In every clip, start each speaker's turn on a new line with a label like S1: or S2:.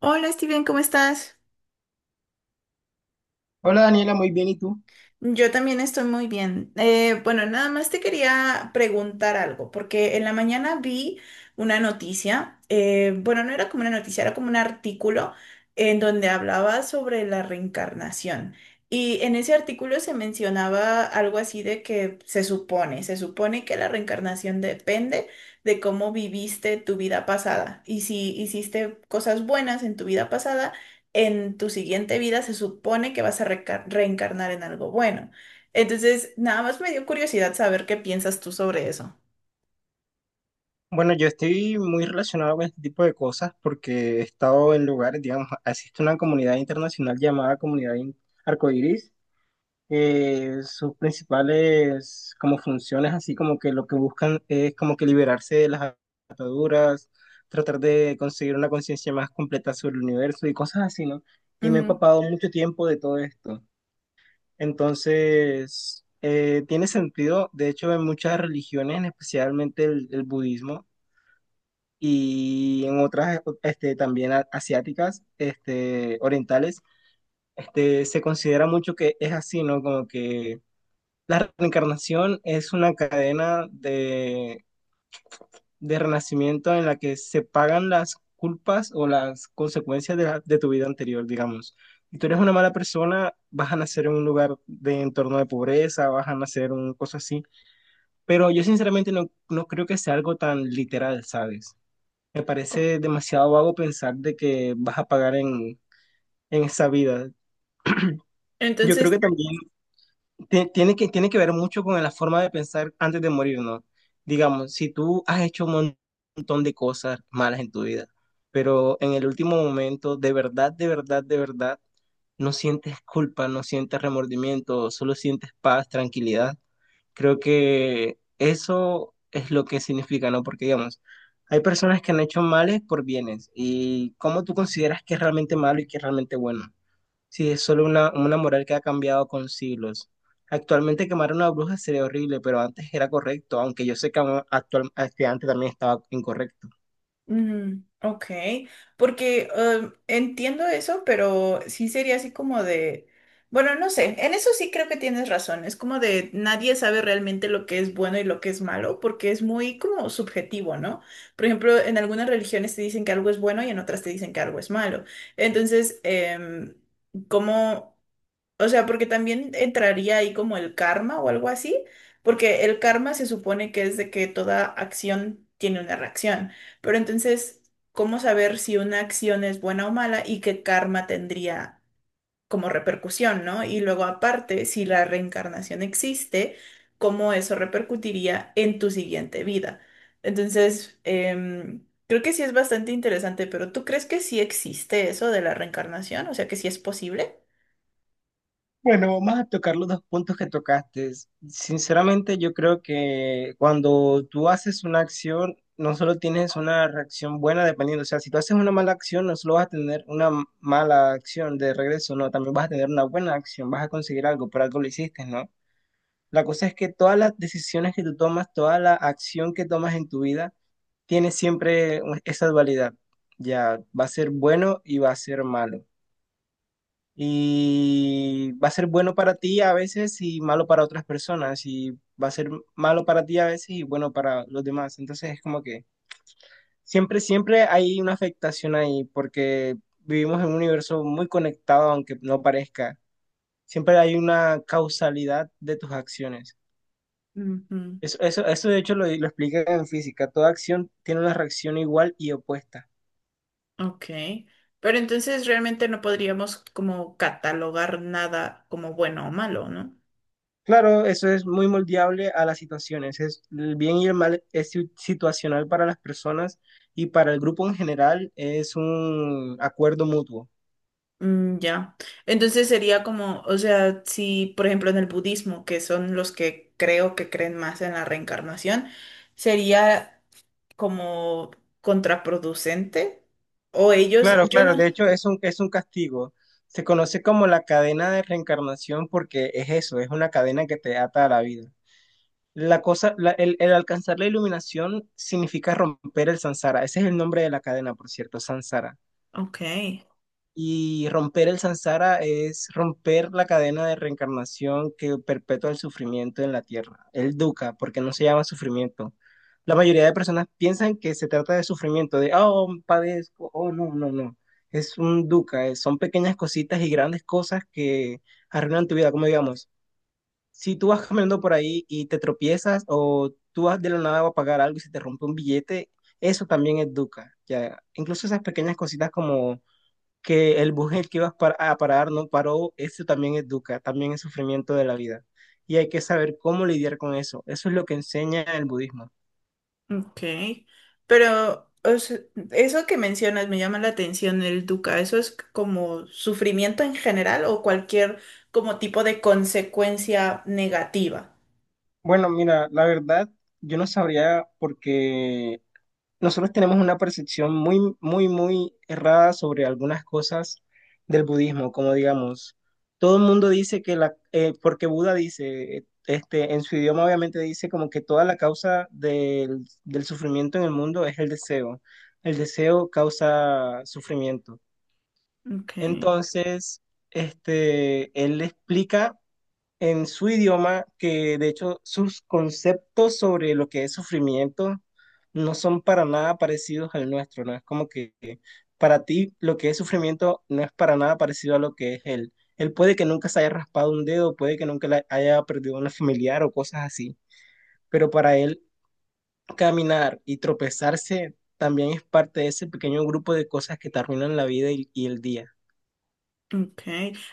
S1: Hola Steven, ¿cómo estás?
S2: Hola Daniela, muy bien, ¿y tú?
S1: Yo también estoy muy bien. Bueno, Nada más te quería preguntar algo, porque en la mañana vi una noticia, bueno, no era como una noticia, era como un artículo en donde hablaba sobre la reencarnación. Y en ese artículo se mencionaba algo así de que se supone que la reencarnación depende de cómo viviste tu vida pasada y si hiciste cosas buenas en tu vida pasada, en tu siguiente vida se supone que vas a reencarnar en algo bueno. Entonces, nada más me dio curiosidad saber qué piensas tú sobre eso.
S2: Bueno, yo estoy muy relacionado con este tipo de cosas porque he estado en lugares, digamos, existe una comunidad internacional llamada Arcoiris. Sus principales como funciones, así como que lo que buscan es como que liberarse de las ataduras, tratar de conseguir una conciencia más completa sobre el universo y cosas así, ¿no? Y me he
S1: Ujú.
S2: empapado mucho tiempo de todo esto. Entonces, tiene sentido, de hecho, en muchas religiones, especialmente el budismo y en otras este, también asiáticas, este, orientales, este, se considera mucho que es así, ¿no? Como que la reencarnación es una cadena de renacimiento en la que se pagan las culpas o las consecuencias de, de tu vida anterior, digamos. Si tú eres una mala persona, vas a nacer en un lugar de entorno de pobreza, vas a nacer en una cosa así. Pero yo sinceramente no creo que sea algo tan literal, ¿sabes? Me
S1: Co-
S2: parece demasiado vago pensar de que vas a pagar en esa vida. Yo creo que
S1: Entonces,
S2: también tiene que ver mucho con la forma de pensar antes de morir, ¿no? Digamos, si tú has hecho un montón de cosas malas en tu vida, pero en el último momento, de verdad, de verdad, de verdad, no sientes culpa, no sientes remordimiento, solo sientes paz, tranquilidad. Creo que eso es lo que significa, ¿no? Porque, digamos, hay personas que han hecho males por bienes. ¿Y cómo tú consideras que es realmente malo y que es realmente bueno? Sí, es solo una moral que ha cambiado con siglos. Actualmente quemar a una bruja sería horrible, pero antes era correcto, aunque yo sé que aún actual, este, antes también estaba incorrecto.
S1: mm, ok, porque entiendo eso, pero sí sería así como de, bueno, no sé, en eso sí creo que tienes razón, es como de nadie sabe realmente lo que es bueno y lo que es malo, porque es muy como subjetivo, ¿no? Por ejemplo, en algunas religiones te dicen que algo es bueno y en otras te dicen que algo es malo. Entonces, ¿cómo... O sea, porque también entraría ahí como el karma o algo así, porque el karma se supone que es de que toda acción tiene una reacción. Pero entonces, ¿cómo saber si una acción es buena o mala y qué karma tendría como repercusión, ¿no? Y luego aparte, si la reencarnación existe, ¿cómo eso repercutiría en tu siguiente vida? Entonces, creo que sí es bastante interesante, pero ¿tú crees que sí existe eso de la reencarnación? O sea, que sí es posible.
S2: Bueno, vamos a tocar los dos puntos que tocaste. Sinceramente, yo creo que cuando tú haces una acción, no solo tienes una reacción buena dependiendo, o sea, si tú haces una mala acción, no solo vas a tener una mala acción de regreso, no, también vas a tener una buena acción, vas a conseguir algo, por algo lo hiciste, ¿no? La cosa es que todas las decisiones que tú tomas, toda la acción que tomas en tu vida, tiene siempre esa dualidad. Ya va a ser bueno y va a ser malo. Y va a ser bueno para ti a veces y malo para otras personas. Y va a ser malo para ti a veces y bueno para los demás. Entonces es como que siempre, siempre hay una afectación ahí porque vivimos en un universo muy conectado, aunque no parezca. Siempre hay una causalidad de tus acciones.
S1: Ujú.
S2: Eso de hecho lo explica en física. Toda acción tiene una reacción igual y opuesta.
S1: Ok. Pero entonces realmente no podríamos como catalogar nada como bueno o malo, ¿no?
S2: Claro, eso es muy moldeable a las situaciones. Es, el bien y el mal es situacional para las personas y para el grupo en general es un acuerdo mutuo.
S1: Mm, ya. Entonces sería como, o sea, si por ejemplo en el budismo, que son los que creo que creen más en la reencarnación, sería como contraproducente o ellos,
S2: Claro,
S1: yo
S2: claro,
S1: no.
S2: de hecho es es un castigo. Se conoce como la cadena de reencarnación porque es eso, es una cadena que te ata a la vida. La cosa, el alcanzar la iluminación significa romper el samsara. Ese es el nombre de la cadena, por cierto, samsara.
S1: Ok,
S2: Y romper el samsara es romper la cadena de reencarnación que perpetúa el sufrimiento en la tierra, el dukkha, porque no se llama sufrimiento. La mayoría de personas piensan que se trata de sufrimiento, de, oh, padezco, oh, no, no, no. Es un dukkha, son pequeñas cositas y grandes cosas que arruinan tu vida, como digamos, si tú vas caminando por ahí y te tropiezas o tú vas de la nada a pagar algo y se te rompe un billete, eso también es dukkha, ya. Incluso esas pequeñas cositas como que el bus en el que ibas a parar no paró, eso también es dukkha, también es sufrimiento de la vida. Y hay que saber cómo lidiar con eso. Eso es lo que enseña el budismo.
S1: ok. Pero o sea, eso que mencionas me llama la atención, el dukkha. ¿Eso es como sufrimiento en general o cualquier como tipo de consecuencia negativa?
S2: Bueno, mira, la verdad, yo no sabría porque nosotros tenemos una percepción muy, muy, muy errada sobre algunas cosas del budismo, como digamos, todo el mundo dice que la, porque Buda dice, este, en su idioma obviamente dice como que toda la causa del sufrimiento en el mundo es el deseo. El deseo causa sufrimiento.
S1: Ok.
S2: Entonces, este, él explica en su idioma, que de hecho sus conceptos sobre lo que es sufrimiento no son para nada parecidos al nuestro, ¿no? Es como que para ti lo que es sufrimiento no es para nada parecido a lo que es él. Él puede que nunca se haya raspado un dedo, puede que nunca le haya perdido una familiar o cosas así, pero para él caminar y tropezarse también es parte de ese pequeño grupo de cosas que te arruinan la vida y el día.
S1: Ok,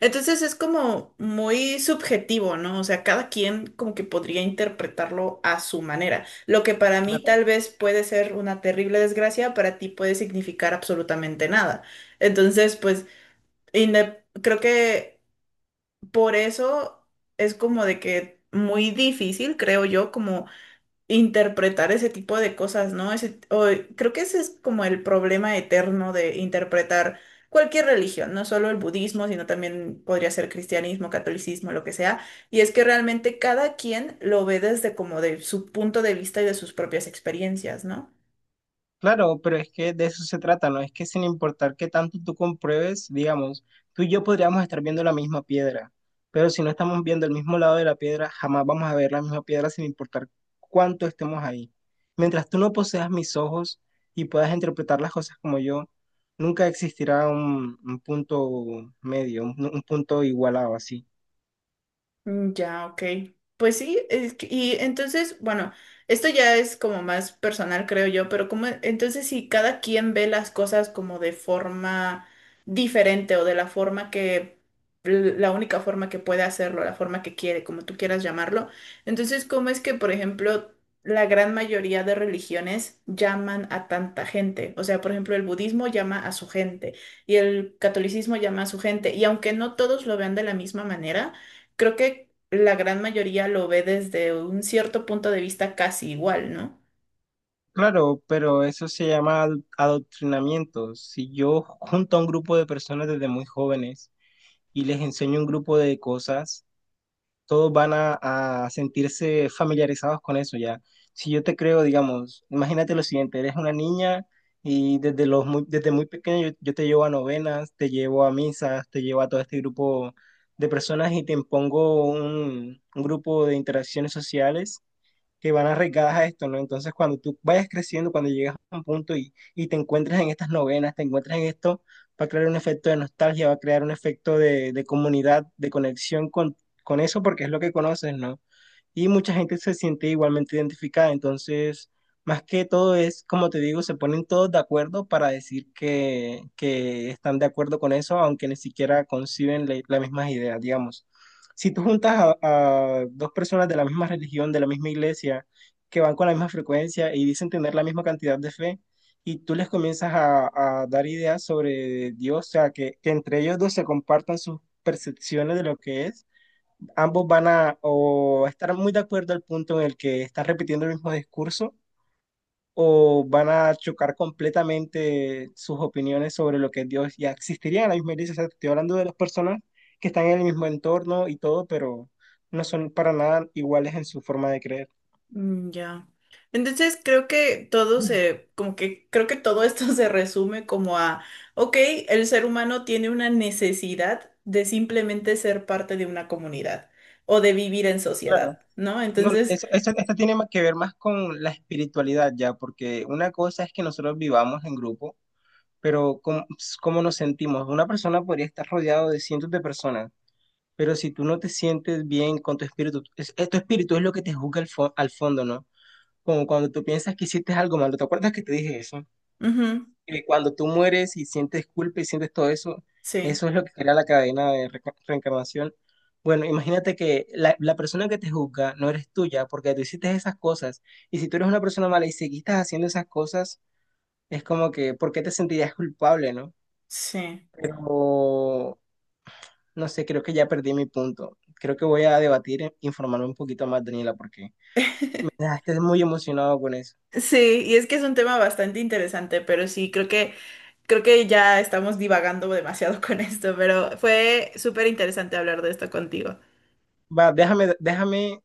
S1: entonces es como muy subjetivo, ¿no? O sea, cada quien como que podría interpretarlo a su manera. Lo que para mí tal vez puede ser una terrible desgracia, para ti puede significar absolutamente nada. Entonces, pues, creo que por eso es como de que muy difícil, creo yo, como interpretar ese tipo de cosas, ¿no? Creo que ese es como el problema eterno de interpretar cualquier religión, no solo el budismo, sino también podría ser cristianismo, catolicismo, lo que sea, y es que realmente cada quien lo ve desde como de su punto de vista y de sus propias experiencias, ¿no?
S2: Claro, pero es que de eso se trata, ¿no? Es que sin importar qué tanto tú compruebes, digamos, tú y yo podríamos estar viendo la misma piedra, pero si no estamos viendo el mismo lado de la piedra, jamás vamos a ver la misma piedra sin importar cuánto estemos ahí. Mientras tú no poseas mis ojos y puedas interpretar las cosas como yo, nunca existirá un punto medio, un punto igualado así.
S1: Mm, ya, ok. Pues sí, y entonces, bueno, esto ya es como más personal, creo yo, pero como entonces si cada quien ve las cosas como de forma diferente o de la forma que, la única forma que puede hacerlo, la forma que quiere, como tú quieras llamarlo, entonces, ¿cómo es que, por ejemplo, la gran mayoría de religiones llaman a tanta gente? O sea, por ejemplo, el budismo llama a su gente y el catolicismo llama a su gente, y aunque no todos lo vean de la misma manera, creo que la gran mayoría lo ve desde un cierto punto de vista casi igual, ¿no?
S2: Claro, pero eso se llama adoctrinamiento. Si yo junto a un grupo de personas desde muy jóvenes, y les enseño un grupo de cosas, todos van a sentirse familiarizados con eso ya. Si yo te creo, digamos, imagínate lo siguiente, eres una niña y desde, los muy, desde muy pequeño yo te llevo a novenas, te llevo a misas, te llevo a todo este grupo de personas y te impongo un grupo de interacciones sociales que van arraigadas a esto, ¿no? Entonces, cuando tú vayas creciendo, cuando llegas a un punto y te encuentras en estas novenas, te encuentras en esto, va a crear un efecto de nostalgia, va a crear un efecto de comunidad, de conexión con eso, porque es lo que conoces, ¿no? Y mucha gente se siente igualmente identificada. Entonces, más que todo es, como te digo, se ponen todos de acuerdo para decir que están de acuerdo con eso, aunque ni siquiera conciben las mismas ideas, digamos. Si tú juntas a dos personas de la misma religión, de la misma iglesia, que van con la misma frecuencia y dicen tener la misma cantidad de fe, y tú les comienzas a dar ideas sobre Dios, o sea, que entre ellos dos se compartan sus percepciones de lo que es ambos van a o estar muy de acuerdo al punto en el que están repitiendo el mismo discurso o van a chocar completamente sus opiniones sobre lo que es Dios ya existiría en la misma iglesia. O sea, estoy hablando de las personas que están en el mismo entorno y todo, pero no son para nada iguales en su forma de creer.
S1: Mm, ya. Entonces creo que todo se, como que creo que todo esto se resume como a, ok, el ser humano tiene una necesidad de simplemente ser parte de una comunidad o de vivir en
S2: Claro.
S1: sociedad, ¿no?
S2: No,
S1: Entonces,
S2: esto tiene más que ver más con la espiritualidad ya, porque una cosa es que nosotros vivamos en grupo, pero cómo nos sentimos. Una persona podría estar rodeado de cientos de personas. Pero si tú no te sientes bien con tu espíritu, tu espíritu es lo que te juzga al, al fondo, ¿no? Como cuando tú piensas que hiciste algo malo, ¿te acuerdas que te dije eso?
S1: ujú,
S2: Que cuando tú mueres y sientes culpa y sientes todo eso,
S1: sí,
S2: eso es lo que crea la cadena de reencarnación. Bueno, imagínate que la persona que te juzga no eres tuya porque tú hiciste esas cosas. Y si tú eres una persona mala y seguiste haciendo esas cosas, es como que, ¿por qué te sentirías culpable, no?
S1: sí.
S2: Pero no sé, creo que ya perdí mi punto. Creo que voy a debatir, e informarme un poquito más, Daniela, porque me dejaste muy emocionado con eso.
S1: Sí, y es que es un tema bastante interesante, pero sí, creo que creo que ya estamos divagando demasiado con esto, pero fue súper interesante hablar de esto contigo.
S2: Va, déjame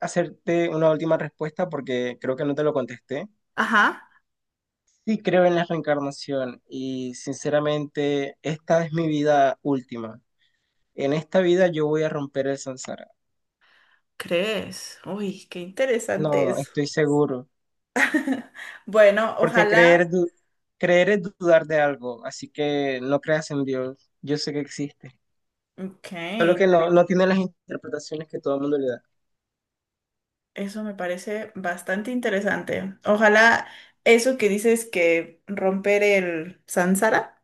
S2: hacerte una última respuesta porque creo que no te lo contesté.
S1: Ajá,
S2: Sí creo en la reencarnación y sinceramente esta es mi vida última. En esta vida yo voy a romper el samsara.
S1: ¿crees? Uy, qué interesante
S2: No,
S1: eso.
S2: estoy seguro.
S1: Bueno,
S2: Porque
S1: ojalá.
S2: creer, creer es dudar de algo, así que no creas en Dios. Yo sé que existe.
S1: Ok,
S2: Solo que no, no tiene las interpretaciones que todo el mundo le da.
S1: eso me parece bastante interesante. Ojalá eso que dices que romper el sánsara,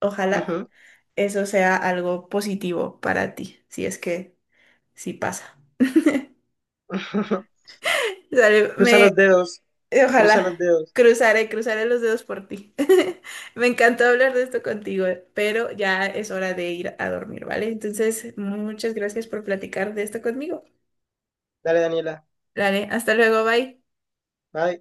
S1: ojalá
S2: Ujú.
S1: eso sea algo positivo para ti, si es que sí pasa. Dale,
S2: Cruza
S1: me
S2: los dedos. Cruza los
S1: Ojalá.
S2: dedos.
S1: Cruzaré, cruzaré los dedos por ti. Me encantó hablar de esto contigo, pero ya es hora de ir a dormir, ¿vale? Entonces, muchas gracias por platicar de esto conmigo.
S2: Dale, Daniela.
S1: Dale, hasta luego, bye.
S2: Bye.